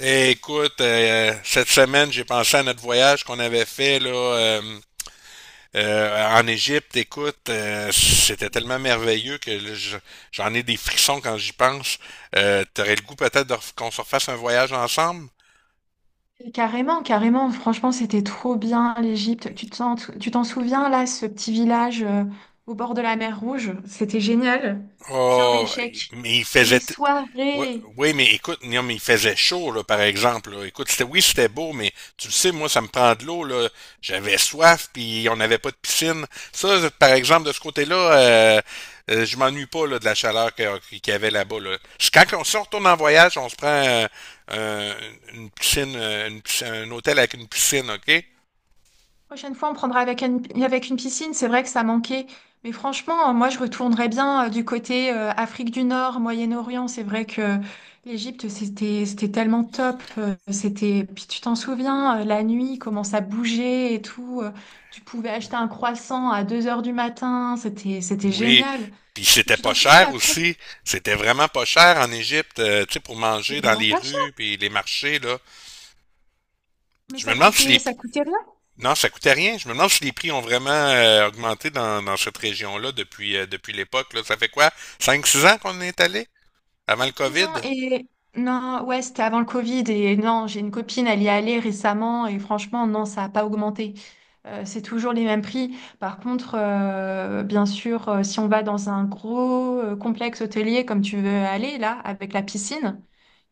Eh, écoute, cette semaine, j'ai pensé à notre voyage qu'on avait fait là, en Égypte. Écoute, c'était tellement merveilleux que là, j'en ai des frissons quand j'y pense. T'aurais le goût peut-être qu'on se refasse un voyage ensemble? Carrément, carrément. Franchement, c'était trop bien l'Égypte. Tu t'en souviens là, ce petit village au bord de la mer Rouge? C'était génial. Sharm Oh, el-Sheikh. mais il Et faisait. les Ouais, soirées. oui, mais écoute, non, mais il faisait chaud, là, par exemple, là. Écoute, c'était, oui, c'était beau, mais tu le sais, moi, ça me prend de l'eau, là. J'avais soif, puis on n'avait pas de piscine. Ça, par exemple, de ce côté-là, je m'ennuie pas, là, de la chaleur qu'il y avait là-bas, là. C'est quand on, si on retourne en voyage, on se prend euh, un hôtel avec une piscine, OK? Prochaine fois, on prendra avec une piscine. C'est vrai que ça manquait. Mais franchement, moi, je retournerais bien du côté Afrique du Nord, Moyen-Orient. C'est vrai que l'Égypte, c'était tellement top. C'était, puis tu t'en souviens, la nuit, comment ça bougeait et tout. Tu pouvais acheter un croissant à 2 heures du matin. C'était Oui, génial. puis Et c'était tu pas t'en souviens, cher la plongée, aussi. C'était vraiment pas cher en Égypte, tu sais, pour manger c'était dans vraiment les pas cher. rues puis les marchés, là. Mais Je me ça demande si les... coûtait, ça coûtait rien. Non, ça coûtait rien. Je me demande si les prix ont vraiment augmenté dans cette région-là depuis, depuis l'époque, là. Ça fait quoi? 5-6 ans qu'on est allé? Avant le Cinq 6 COVID? ans, et non, ouais, c'était avant le Covid. Et non, j'ai une copine, elle y est allée récemment, et franchement, non, ça n'a pas augmenté. C'est toujours les mêmes prix. Par contre, bien sûr, si on va dans un gros complexe hôtelier comme tu veux aller là, avec la piscine,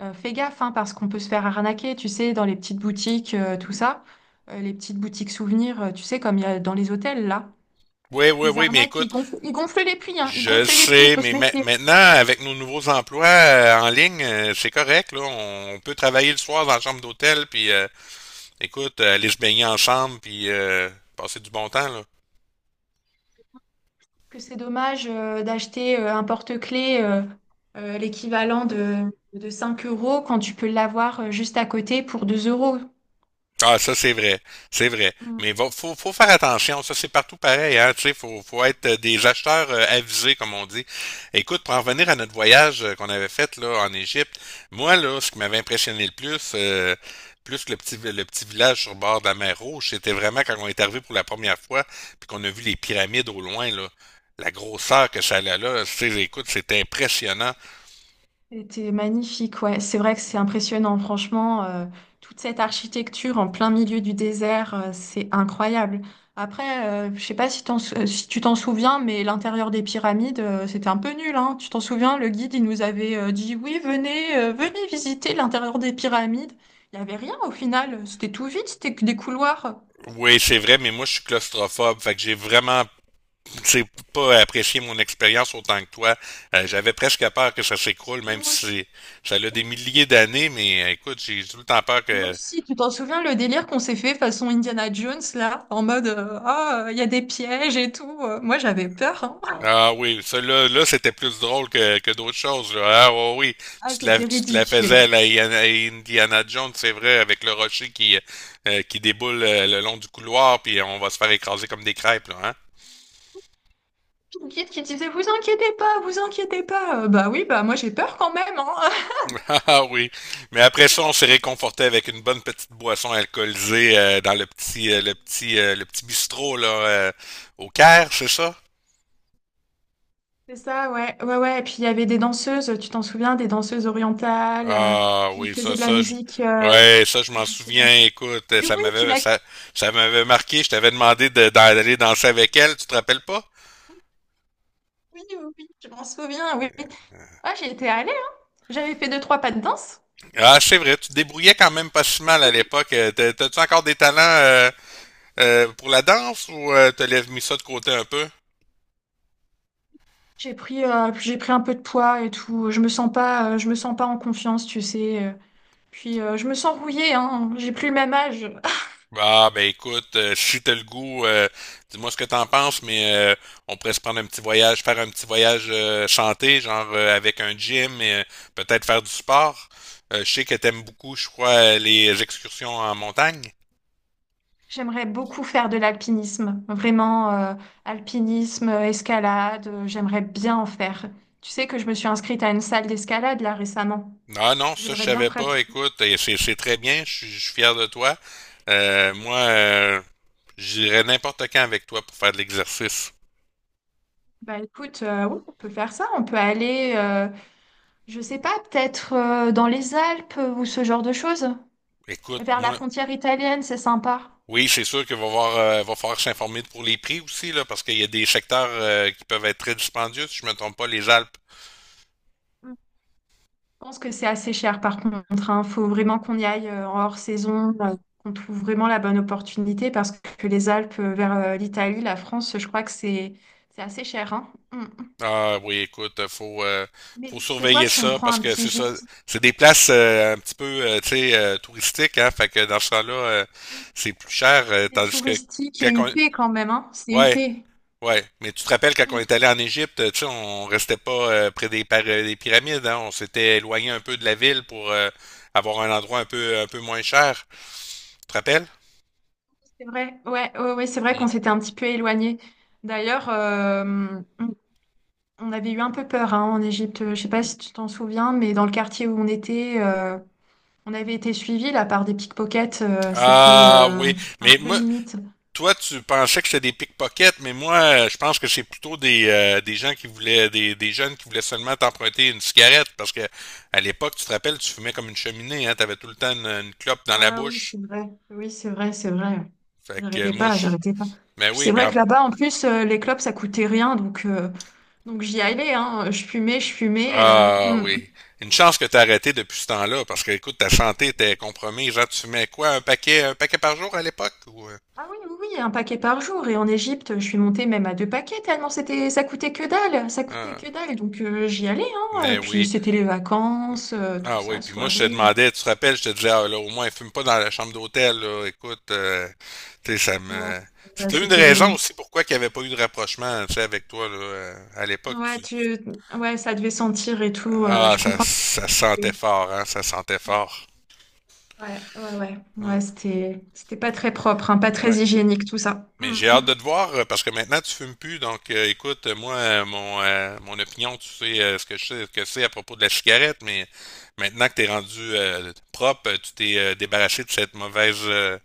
fais gaffe, hein, parce qu'on peut se faire arnaquer, tu sais, dans les petites boutiques, tout ça. Les petites boutiques souvenirs, tu sais, comme il y a dans les hôtels là. Oui, oui, Ils oui, mais arnaquent, écoute, ils gonflent les prix, hein, ils je le gonflent les prix, il sais, faut mais se méfier. maintenant, avec nos nouveaux emplois en ligne, c'est correct, là. On peut travailler le soir dans la chambre d'hôtel, puis écoute, aller se baigner ensemble puis passer du bon temps, là. Que c'est dommage d'acheter un porte-clés l'équivalent de 5 euros quand tu peux l'avoir juste à côté pour 2 euros. Ah, ça, c'est vrai. C'est vrai. Mm. Mais va, faut faire attention. Ça, c'est partout pareil, hein. Tu sais, faut être des acheteurs avisés, comme on dit. Écoute, pour en revenir à notre voyage qu'on avait fait, là, en Égypte, moi, là, ce qui m'avait impressionné le plus, plus que le petit village sur le bord de la mer Rouge, c'était vraiment quand on est arrivé pour la première fois, puis qu'on a vu les pyramides au loin, là. La grosseur que ça a là, tu sais, écoute, c'était impressionnant. C'était magnifique, ouais. C'est vrai que c'est impressionnant, franchement. Toute cette architecture en plein milieu du désert, c'est incroyable. Après, je sais pas si tu t'en souviens, mais l'intérieur des pyramides, c'était un peu nul, hein. Tu t'en souviens, le guide, il nous avait dit, oui, venez, venez visiter l'intérieur des pyramides. Il n'y avait rien au final. C'était tout vide, c'était que des couloirs. Oui, c'est vrai, mais moi, je suis claustrophobe. Fait que j'ai vraiment, c'est pas apprécié mon expérience autant que toi. J'avais presque peur que ça s'écroule, même Moi si aussi. Ça a des milliers d'années, mais écoute, j'ai tout le temps peur Moi que. aussi, tu t'en souviens le délire qu'on s'est fait façon Indiana Jones là, en mode ah il y a des pièges et tout. Moi j'avais peur. Ah oui, ça là là, c'était plus drôle que d'autres choses, là. Ah ouais, oui, Ah, tu te la, c'était tu te la faisais ridicule. À Indiana Jones, c'est vrai, avec le rocher qui déboule le long du couloir, puis on va se faire écraser comme des crêpes, là, hein? Une guide qui disait, vous inquiétez pas, vous inquiétez pas. Bah oui, bah moi j'ai peur quand même, hein. Ah ah, oui, mais après ça, on s'est réconforté avec une bonne petite boisson alcoolisée, dans le petit bistrot là, au Caire, c'est ça? C'est ça, ouais, ouais, ouais. Et puis il y avait des danseuses, tu t'en souviens, des danseuses orientales. euh, Ah puis ils oui, faisaient ça, de la ça, je... musique Ouais, ça, je m'en traditionnelle. souviens. Écoute, Oui, ça oui, tu m'avait, l'as. ça, ça m'avait marqué. Je t'avais demandé d'aller danser avec elle. Tu te rappelles pas? Oui, oui, oui, je m'en souviens, oui. Ah, j'y étais allée, hein. J'avais fait deux, trois pas de danse. Ah, c'est vrai. Tu te débrouillais quand même pas si Oui, mal à oui. l'époque. T'as-tu encore des talents pour la danse ou t'as mis ça de côté un peu? J'ai pris un peu de poids et tout. Je me sens pas, je me sens pas en confiance, tu sais. Puis je me sens rouillée, hein. J'ai plus le même âge. Ah, ben écoute, si t'as le goût, dis-moi ce que t'en penses, mais on pourrait se prendre un petit voyage, faire un petit voyage santé, genre avec un gym et peut-être faire du sport. Je sais que t'aimes beaucoup, je crois, les excursions en montagne. J'aimerais beaucoup faire de l'alpinisme, vraiment alpinisme, escalade, j'aimerais bien en faire. Tu sais que je me suis inscrite à une salle d'escalade là récemment. Ah non, ça je J'aimerais bien savais pas, pratiquer. écoute, et c'est très bien, je suis fier de toi. Moi, j'irais n'importe quand avec toi pour faire de l'exercice. Bah écoute, oui, on peut faire ça, on peut aller, je sais pas, peut-être dans les Alpes ou ce genre de choses, Écoute, vers la moi. frontière italienne, c'est sympa. Oui, c'est sûr qu'il va voir, va falloir s'informer pour les prix aussi, là, parce qu'il y a des secteurs qui peuvent être très dispendieux, si je me trompe pas, les Alpes. Je pense que c'est assez cher par contre. Il faut vraiment qu'on y aille en hors saison, qu'on trouve vraiment la bonne opportunité parce que les Alpes vers l'Italie, la France, je crois que c'est assez cher, hein. Mm. Ah oui, écoute, faut Mais tu sais quoi, surveiller si on ça prend parce un que petit c'est ça, gîte, c'est des places un petit peu tu sais touristiques, hein, fait que dans ce temps-là, c'est plus cher, c'est tandis que touristique et quand on... huppé quand même, hein. C'est Ouais, huppé. ouais, mais tu te rappelles quand on Mm. est allé en Égypte, tu sais, on restait pas près des pyramides, hein, on s'était éloigné un peu de la ville pour avoir un endroit un peu moins cher, tu te rappelles? C'est vrai, ouais, ouais, ouais, c'est vrai qu'on s'était un petit peu éloigné. D'ailleurs, on on avait eu un peu peur, hein, en Égypte. Je sais pas si tu t'en souviens, mais dans le quartier où on était. On avait été suivis là par des pickpockets, c'était Ah euh, oui, c'était un mais peu moi, limite. toi, tu pensais que c'était des pickpockets, mais moi, je pense que c'est plutôt des gens qui voulaient, des jeunes qui voulaient seulement t'emprunter une cigarette, parce que à l'époque, tu te rappelles, tu fumais comme une cheminée, hein, t'avais tout le temps une clope dans la Ah oui, bouche. c'est vrai. Oui, c'est vrai, c'est vrai. Fait que J'arrêtais moi, pas, je... j'arrêtais pas. Mais Puis oui, c'est puis vrai que là-bas, en plus, les clopes, ça coûtait rien, donc j'y allais, hein. Je fumais, je fumais. euh, ah hmm. oui, une chance que t'as arrêté depuis ce temps-là, parce que écoute, ta santé était compromise. Genre, tu fumais quoi, un paquet par jour à l'époque ou Ah oui, oui, oui, un paquet par jour. Et en Égypte, je suis montée même à deux paquets, tellement c'était, ça coûtait que dalle, ça coûtait ah, que dalle. Donc j'y allais, hein. Et mais puis oui. c'était les vacances, tout Ah oui, ça, puis moi je te soirée. demandais, tu te rappelles, je te disais, ah, là, au moins fume pas dans la chambre d'hôtel, là, écoute, tu sais, ça Ouais, me... bah, C'était une c'était raison aussi limite. pourquoi qu'il n'y avait pas eu de rapprochement, tu sais, avec toi, là, à l'époque, Ouais, tu... ouais, ça devait sentir et tout. euh, Ah, je ça, comprends. ça sentait fort, hein, ça sentait fort. Ouais, ouais, ouais. Hum, Ouais, c'était pas très propre, hein, pas très ouais. hygiénique tout ça. Mais Mm. j'ai hâte de te voir, parce que maintenant tu fumes plus, donc écoute, moi, mon opinion, tu sais ce que je sais, ce que c'est à propos de la cigarette, mais maintenant que t'es rendu propre, tu t'es débarrassé de cette mauvaise...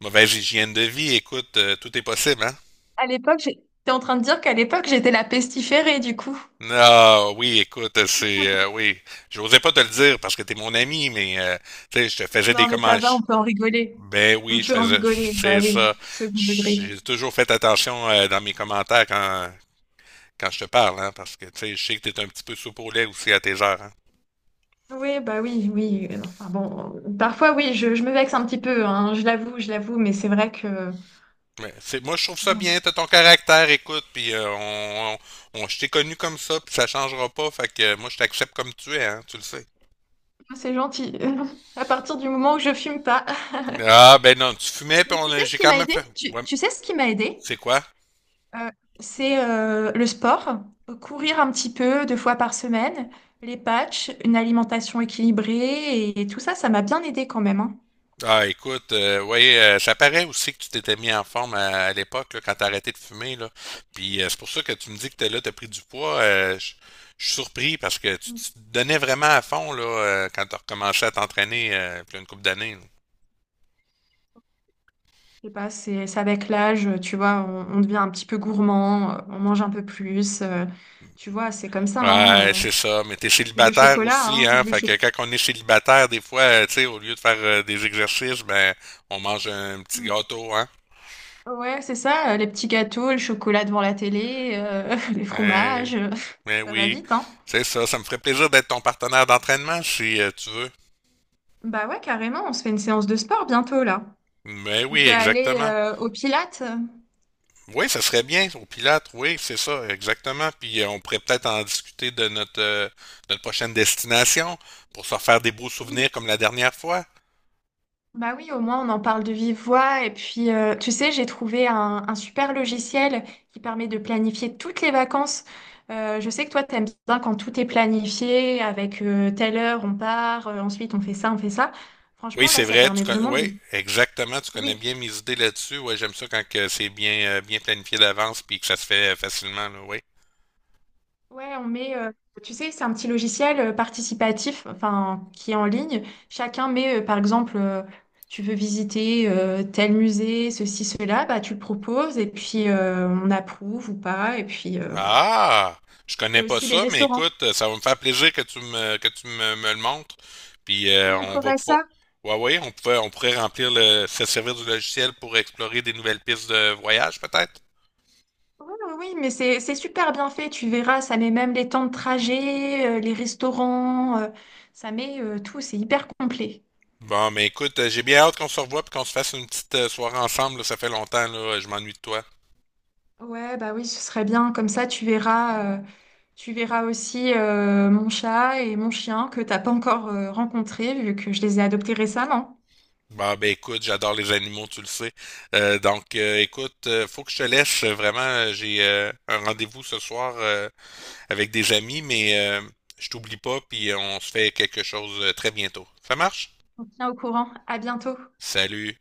mauvaise hygiène de vie, écoute, tout est possible, hein? À l'époque, t'es en train de dire qu'à l'époque, j'étais la pestiférée du coup. Non, oui, écoute, c'est... oui, j'osais pas te le dire parce que t'es mon ami, mais, tu sais, je te faisais des Non, mais ça commentaires. va, on peut en rigoler. Ben On oui, je peut en faisais... rigoler, bah C'est ça. oui, second degré. J'ai toujours fait attention dans mes commentaires quand, je te parle, hein, parce que, tu sais, je sais que t'es un petit peu soupe au lait aussi à tes heures, hein. Oui, bah oui, oui. Enfin bon, parfois oui, je me vexe un petit peu, hein, je l'avoue, mais c'est vrai que Mais c'est, moi, je trouve ça voilà. bien, t'as ton caractère, écoute, puis je t'ai connu comme ça, puis ça changera pas, fait que moi, je t'accepte comme tu es, hein, tu le sais. Moi, c'est gentil. À partir du moment où je fume pas. Ah, ben non, tu fumais, puis Mais tu sais ce j'ai qui quand m'a même aidé? fait. Tu, Ouais, tu sais ce qui m'a aidé? c'est quoi? Euh, c'est le sport, courir un petit peu deux fois par semaine, les patchs, une alimentation équilibrée et, tout ça, ça m'a bien aidé quand même, hein. Ah, écoute, ouais, ça paraît aussi que tu t'étais mis en forme à l'époque, là, quand t'as arrêté de fumer, là. Puis c'est pour ça que tu me dis que t'es là, t'as pris du poids. Je suis surpris parce que tu te donnais vraiment à fond, là, quand t'as recommencé à t'entraîner, il y a une couple d'années, là. Je sais pas, c'est avec l'âge, tu vois, on devient un petit peu gourmand, on mange un peu plus, tu vois, c'est comme ça. hein, Ouais, euh. c'est ça, mais t'es Et le célibataire chocolat, aussi, hein, hein. le Fait cho- que quand on est célibataire, des fois, tu sais, au lieu de faire des exercices, ben, on mange un petit Mm. gâteau, hein. Ouais, c'est ça, les petits gâteaux, le chocolat devant la télé, les Ouais. fromages, Mais ça va oui, vite, hein. c'est ça. Ça me ferait plaisir d'être ton partenaire d'entraînement si tu veux. Bah ouais, carrément, on se fait une séance de sport bientôt là. Mais On oui, peut aller exactement. Au Pilates. Oui, ça serait bien au pilote. Oui, c'est ça, exactement. Puis on pourrait peut-être en discuter de notre, notre prochaine destination pour se faire des beaux Oui. souvenirs comme la dernière fois. Bah oui, au moins on en parle de vive voix. Et puis, tu sais, j'ai trouvé un super logiciel qui permet de planifier toutes les vacances. Je sais que toi, t'aimes bien quand tout est planifié, avec telle heure on part, ensuite on fait ça, on fait ça. Oui, Franchement, là, c'est ça vrai. Permet vraiment de... Oui, exactement. Tu connais Oui. bien mes idées là-dessus. Oui, j'aime ça quand que c'est bien, bien planifié d'avance puis que ça se fait facilement, là, oui. Ouais, on met, tu sais, c'est un petit logiciel participatif, enfin, qui est en ligne. Chacun met, par exemple, tu veux visiter tel musée, ceci, cela, bah, tu le proposes et puis on approuve ou pas. Et puis voilà. Ah! Je Il y connais a pas aussi les ça, mais restaurants. écoute, ça va me faire plaisir que tu me le montres. Puis Je te on va montrerai pouvoir. ça. Ouais, ouais, on pourrait se servir du logiciel pour explorer des nouvelles pistes de voyage, peut-être. Oui, oui, oui, mais c'est super bien fait. Tu verras, ça met même les temps de trajet, les restaurants, ça met tout. C'est hyper complet. Bon, mais écoute, j'ai bien hâte qu'on se revoie puis qu'on se fasse une petite soirée ensemble, là. Ça fait longtemps, là, je m'ennuie de toi. Ouais, bah oui, ce serait bien. Comme ça, tu verras aussi mon chat et mon chien que t'as pas encore rencontrés, vu que je les ai adoptés récemment. Bah ben écoute, j'adore les animaux, tu le sais. Donc écoute, faut que je te laisse vraiment. J'ai un rendez-vous ce soir avec des amis, mais je t'oublie pas, puis on se fait quelque chose très bientôt. Ça marche? On tient au courant. À bientôt. Salut.